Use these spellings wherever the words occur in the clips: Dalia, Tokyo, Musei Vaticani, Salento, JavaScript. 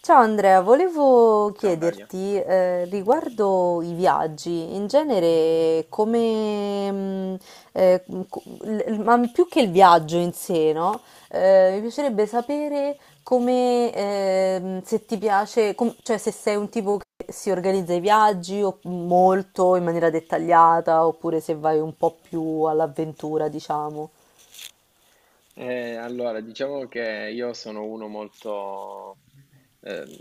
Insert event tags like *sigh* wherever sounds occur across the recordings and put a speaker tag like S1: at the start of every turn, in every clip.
S1: Ciao Andrea, volevo
S2: Ciao Dalia.
S1: chiederti riguardo i viaggi, in genere come, eh, ma più che il viaggio in sé, no? Mi piacerebbe sapere come, se ti piace, cioè se sei un tipo che si organizza i viaggi o molto in maniera dettagliata oppure se vai un po' più all'avventura, diciamo.
S2: Allora, diciamo che io sono uno molto, ehm,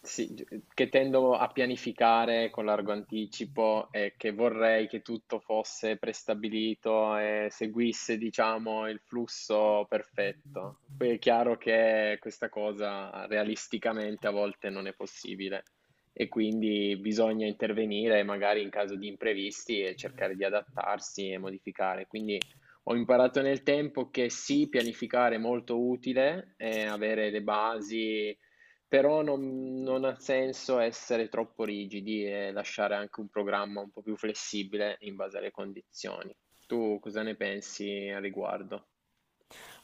S2: sì, gi- che tendo a pianificare con largo anticipo e che vorrei che tutto fosse prestabilito e seguisse, diciamo, il flusso perfetto. Poi è chiaro che questa cosa realisticamente a volte non è possibile e quindi bisogna intervenire magari in caso di imprevisti e cercare di adattarsi e modificare. Quindi ho imparato nel tempo che sì, pianificare è molto utile, avere le basi, però non ha senso essere troppo rigidi e lasciare anche un programma un po' più flessibile in base alle condizioni. Tu cosa ne pensi al riguardo?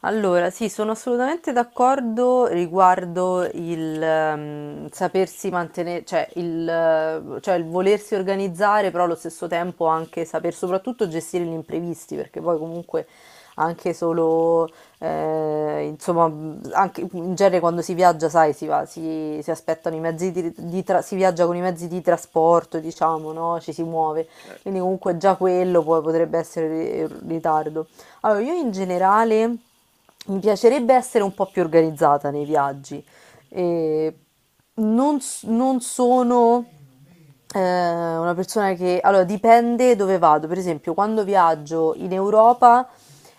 S1: Allora, sì, sono assolutamente d'accordo riguardo il sapersi mantenere, cioè cioè il volersi organizzare, però allo stesso tempo anche saper soprattutto gestire gli imprevisti, perché poi comunque anche solo, insomma, anche in genere quando si viaggia, sai, si va, si aspettano i mezzi si viaggia con i mezzi di trasporto, diciamo, no? Ci si muove, quindi
S2: Certo,
S1: comunque già quello poi potrebbe essere in ritardo. Allora, io in generale mi piacerebbe essere un po' più organizzata nei viaggi. E non sono una persona che... Allora, dipende dove vado. Per esempio, quando viaggio in Europa,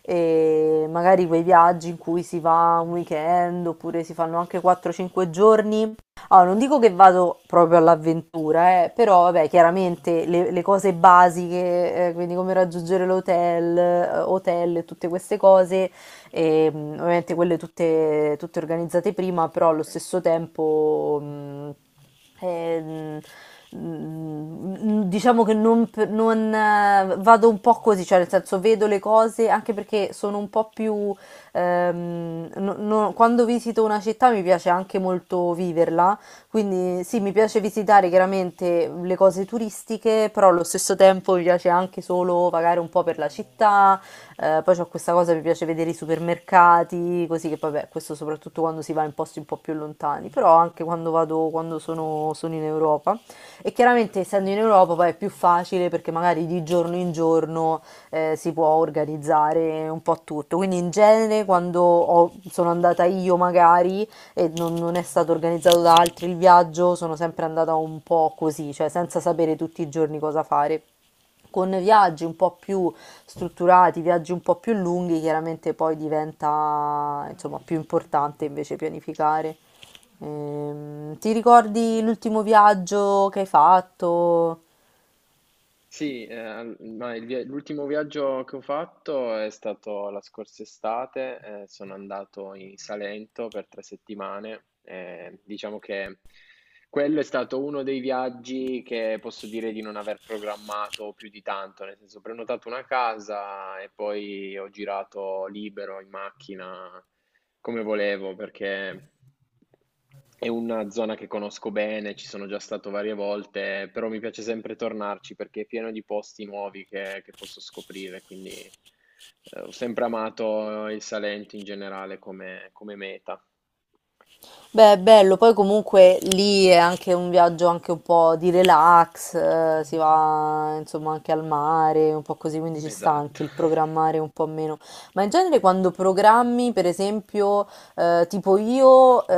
S1: magari quei viaggi in cui si va un weekend oppure si fanno anche 4-5 giorni, allora, non dico che vado proprio all'avventura, però vabbè, chiaramente le cose basiche, quindi come raggiungere l'hotel, e tutte queste
S2: certo,
S1: cose, ovviamente quelle tutte organizzate prima, però allo
S2: ok,
S1: stesso tempo, ehm, diciamo che non, p- non, vado un po' così, cioè nel senso vedo le cose anche perché sono un po' più... Quando visito una città mi piace anche molto viverla, quindi sì, mi piace visitare chiaramente le cose turistiche, però allo stesso tempo mi piace anche solo vagare un po' per la città. Poi c'ho questa cosa, mi piace vedere i supermercati, così che vabbè, questo soprattutto quando si va in posti un po' più lontani, però anche quando vado, quando sono in Europa. E chiaramente
S2: certo,
S1: essendo in Europa poi è più facile perché magari di giorno in giorno si può organizzare un po' tutto. Quindi in genere
S2: sì.
S1: quando sono andata io magari e non è stato organizzato da altri il viaggio, sono sempre andata un po' così, cioè senza sapere tutti i giorni cosa fare. Con viaggi un po' più strutturati, viaggi un po' più lunghi, chiaramente poi diventa insomma più importante invece pianificare. Ti ricordi
S2: Beh,
S1: l'ultimo viaggio che hai fatto?
S2: sì, l'ultimo viaggio che ho fatto è stato la scorsa estate, sono andato in Salento per tre settimane, diciamo che quello è stato uno dei viaggi che posso dire di non aver programmato più di tanto, nel senso ho prenotato una casa e poi ho girato libero in macchina come volevo perché... è una zona che conosco bene, ci sono già stato varie volte, però mi piace sempre tornarci perché è pieno di posti nuovi che posso scoprire, quindi ho sempre amato il Salento in generale come, come meta.
S1: Beh, è bello, poi comunque lì è anche un viaggio anche un po' di relax, si va insomma anche al mare, un po' così, quindi ci sta
S2: Esatto,
S1: anche il programmare un po' meno. Ma in genere quando programmi, per esempio, tipo io,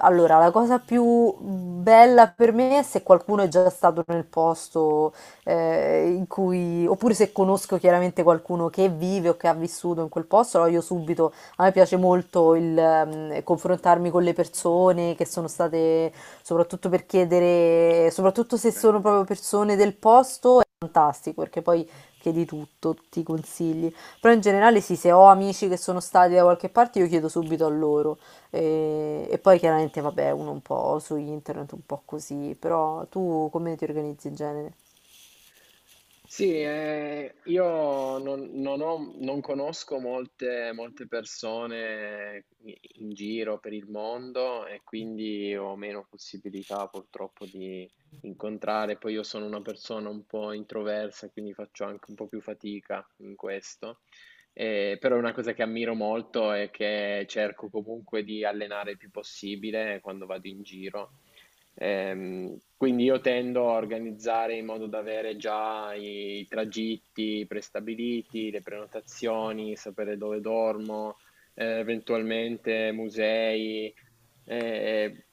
S1: allora la cosa più bella per me è se qualcuno è già stato nel posto in cui, oppure se conosco chiaramente qualcuno che vive o che ha vissuto in quel posto, allora io subito a me piace molto il confrontarmi con le persone che sono state, soprattutto per chiedere, soprattutto
S2: *laughs*
S1: se sono
S2: bello.
S1: proprio persone del posto, è fantastico perché poi chiedi tutto, ti consigli. Però in generale sì, se ho amici che sono stati da qualche parte, io chiedo subito a loro. E poi chiaramente, vabbè, uno un po' su internet, un po' così. Però tu come ti organizzi in genere?
S2: Sì, io non, non conosco molte persone in in giro per il mondo e quindi ho meno possibilità purtroppo di incontrare. Poi io sono una persona un po' introversa, quindi faccio anche un po' più fatica in questo. Però è una cosa che ammiro molto e che cerco comunque di allenare il più possibile quando vado in giro. Quindi io tendo a organizzare in modo da avere già i tragitti prestabiliti, le prenotazioni, sapere dove dormo, eventualmente musei, eh,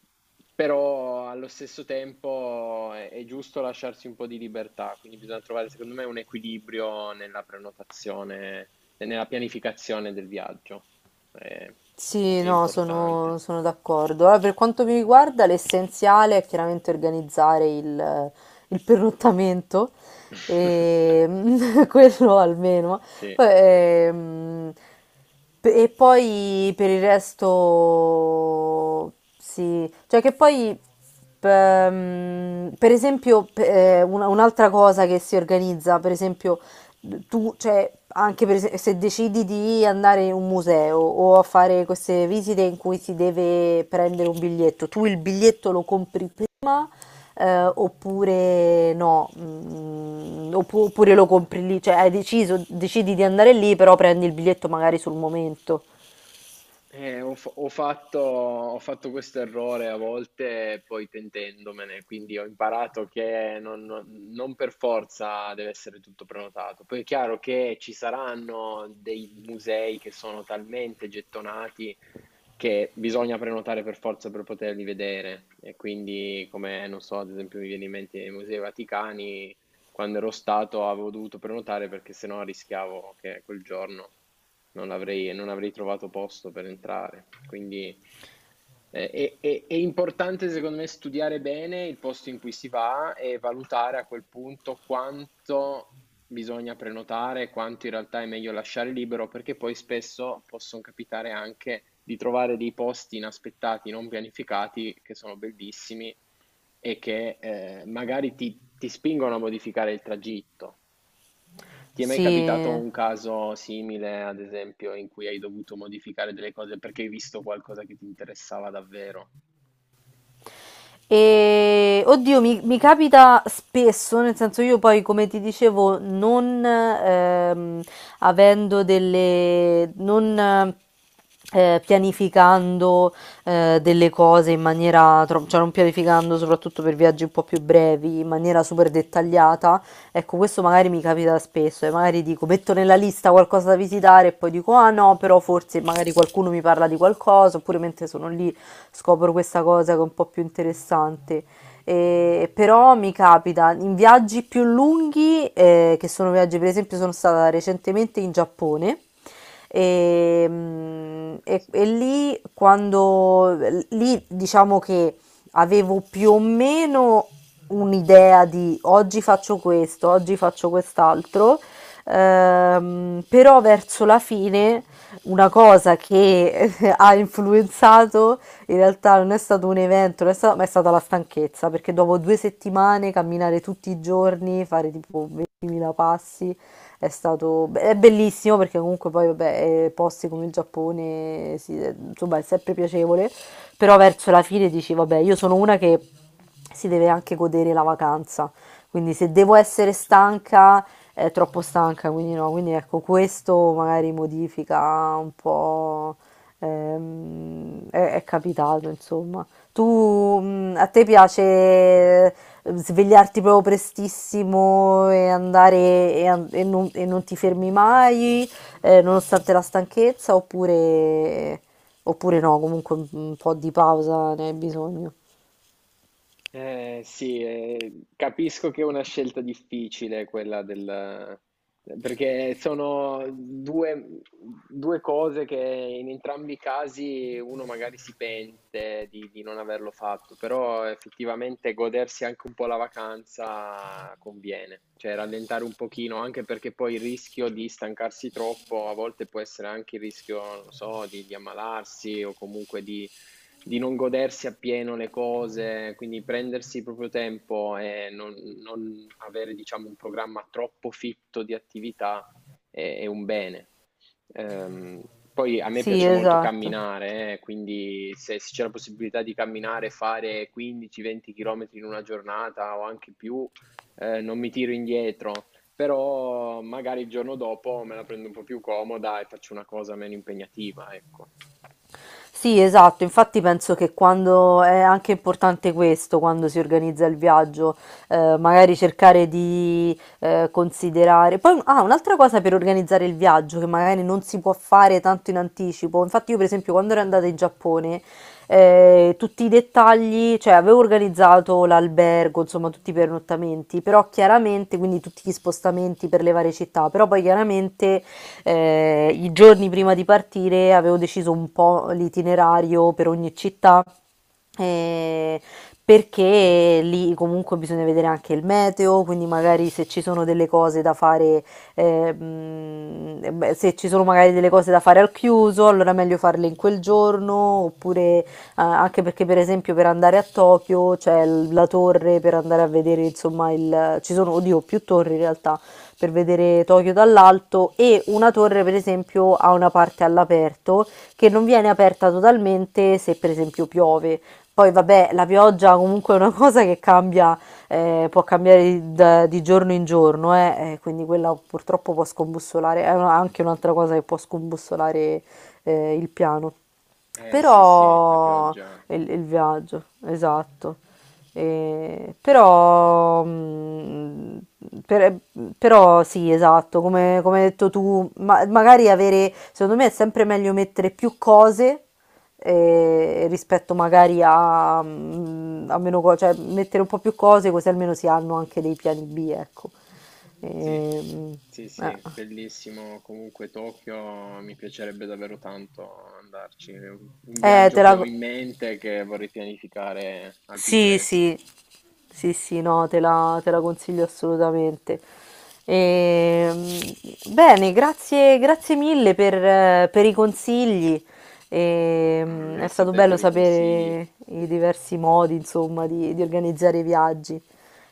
S2: però allo stesso tempo è giusto lasciarsi un po' di libertà, quindi bisogna trovare secondo me un equilibrio nella prenotazione e nella pianificazione del viaggio. Eh,
S1: Sì,
S2: è
S1: no, sono,
S2: importante.
S1: sono d'accordo. Allora, per quanto mi riguarda, l'essenziale è chiaramente organizzare il pernottamento,
S2: *laughs*
S1: e, *laughs* quello almeno.
S2: Sì.
S1: Poi, e poi per il resto, sì, cioè che poi, per esempio, un'altra cosa che si organizza, per esempio tu, cioè, anche se decidi di andare in un museo o a fare queste visite in cui si deve prendere un biglietto, tu il biglietto lo compri prima, oppure no. Oppure lo compri lì, cioè hai deciso, decidi di andare lì, però prendi il biglietto magari sul momento.
S2: Ho fatto questo errore a volte, poi pentendomene, quindi ho imparato che non per forza deve essere tutto prenotato. Poi è chiaro che ci saranno dei musei che sono talmente gettonati che bisogna prenotare per forza per poterli vedere. E quindi, come non so, ad esempio, mi viene in mente i Musei Vaticani, quando ero stato avevo dovuto prenotare perché sennò rischiavo che quel giorno non avrei trovato posto per entrare. Quindi è importante, secondo me, studiare bene il posto in cui si va e valutare a quel punto quanto bisogna prenotare, quanto in realtà è meglio lasciare libero, perché poi spesso possono capitare anche di trovare dei posti inaspettati, non pianificati, che sono bellissimi e che ti spingono a modificare il tragitto. Ti è mai capitato
S1: Sì.
S2: un caso simile, ad esempio, in cui hai dovuto modificare delle cose perché hai visto qualcosa che ti interessava davvero?
S1: E oddio, mi capita spesso, nel senso io poi, come ti dicevo, non avendo delle, non pianificando delle cose in maniera, cioè non pianificando soprattutto per viaggi un po' più brevi, in maniera super dettagliata, ecco, questo magari mi capita spesso e magari dico, metto nella lista qualcosa da visitare e poi dico, ah no, però forse magari qualcuno mi parla di qualcosa, oppure mentre sono lì scopro questa cosa che è un po' più interessante. Però mi capita in viaggi più lunghi, che sono viaggi, per esempio, sono stata recentemente in Giappone. E, mm,
S2: Mm, eh
S1: e-
S2: sì,
S1: e lì, quando lì diciamo che avevo più o meno un'idea di oggi faccio questo, oggi faccio quest'altro, però verso la fine una cosa che *laughs* ha influenzato in realtà non è stato un evento, non è stato- ma è stata la stanchezza, perché dopo due settimane camminare tutti i giorni, fare tipo 20.000 passi, è stato è bellissimo perché comunque poi vabbè, posti come il Giappone, sì, insomma, è sempre piacevole, però verso la fine dici, vabbè, io sono una che si deve anche godere la vacanza, quindi se devo essere
S2: certo.
S1: stanca è troppo stanca, quindi no, quindi ecco, questo magari modifica un po'. È capitato, insomma. Tu, a te piace svegliarti proprio prestissimo e andare e non ti fermi mai, nonostante la stanchezza, oppure no, comunque un po' di pausa ne hai bisogno.
S2: Sì, capisco che è una scelta difficile quella del... perché sono due cose che in entrambi i casi uno magari si pente di non averlo fatto, però effettivamente godersi anche un po' la vacanza conviene, cioè rallentare un pochino, anche perché poi il rischio di stancarsi troppo a volte può essere anche il rischio, non so, di ammalarsi o comunque di non godersi appieno le cose, quindi prendersi il proprio tempo e non avere, diciamo, un programma troppo fitto di attività è un bene. Ehm, Poi a me
S1: Sì,
S2: piace molto
S1: esatto.
S2: camminare, quindi se c'è la possibilità di camminare, fare 15-20 km in una giornata o anche più, non mi tiro indietro, però magari il giorno dopo me la prendo un po' più comoda e faccio una cosa meno impegnativa, ecco.
S1: Sì, esatto, infatti penso che quando è anche importante questo, quando si organizza il viaggio, magari cercare di considerare. Poi, ah, un'altra cosa per organizzare il viaggio che magari non si può fare tanto in anticipo. Infatti, io per esempio quando ero andata in Giappone, tutti i dettagli, cioè avevo organizzato l'albergo, insomma tutti i pernottamenti, però chiaramente, quindi tutti gli spostamenti per le varie città, però poi chiaramente i giorni prima di partire avevo deciso un po' l'itinerario per ogni città eh, perché lì comunque bisogna vedere anche il meteo, quindi magari se ci sono delle cose da fare, beh, se ci sono magari delle cose da fare al chiuso, allora è meglio farle in quel giorno, oppure anche perché per esempio per andare a Tokyo c'è la torre per andare a vedere, insomma, ci sono, oddio, più torri in realtà per vedere Tokyo dall'alto, e una torre per esempio ha una parte all'aperto che non viene aperta totalmente se per esempio piove. Poi vabbè, la pioggia comunque è una *laughs* cosa che cambia, può cambiare di giorno in giorno, quindi quella purtroppo può scombussolare, anche un'altra cosa che può scombussolare il piano.
S2: Eh sì, sì, la
S1: Però
S2: pioggia.
S1: il viaggio, esatto. Però, per- però sì, esatto, come hai detto tu, magari avere, secondo me è sempre meglio mettere più cose rispetto magari a meno cose, cioè mettere un po' più cose così almeno si hanno anche dei piani B, ecco.
S2: Sì,
S1: Ehm,
S2: sì,
S1: eh.
S2: sì, bellissimo. Comunque Tokyo mi piacerebbe davvero tanto andarci. Un
S1: Eh,
S2: viaggio
S1: te
S2: che ho
S1: la,
S2: in mente e che vorrei pianificare al più
S1: Sì,
S2: presto.
S1: sì, sì, sì, no, te la consiglio assolutamente. Ehm, bene, grazie mille per i consigli.
S2: Mm,
S1: È
S2: grazie a
S1: stato
S2: te
S1: bello
S2: per i consigli.
S1: sapere i diversi modi, insomma, di organizzare i viaggi.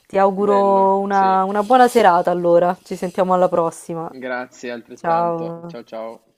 S1: Ti
S2: Bello,
S1: auguro
S2: sì.
S1: una buona serata allora, ci sentiamo alla prossima.
S2: Grazie altrettanto.
S1: Ciao.
S2: Ciao ciao.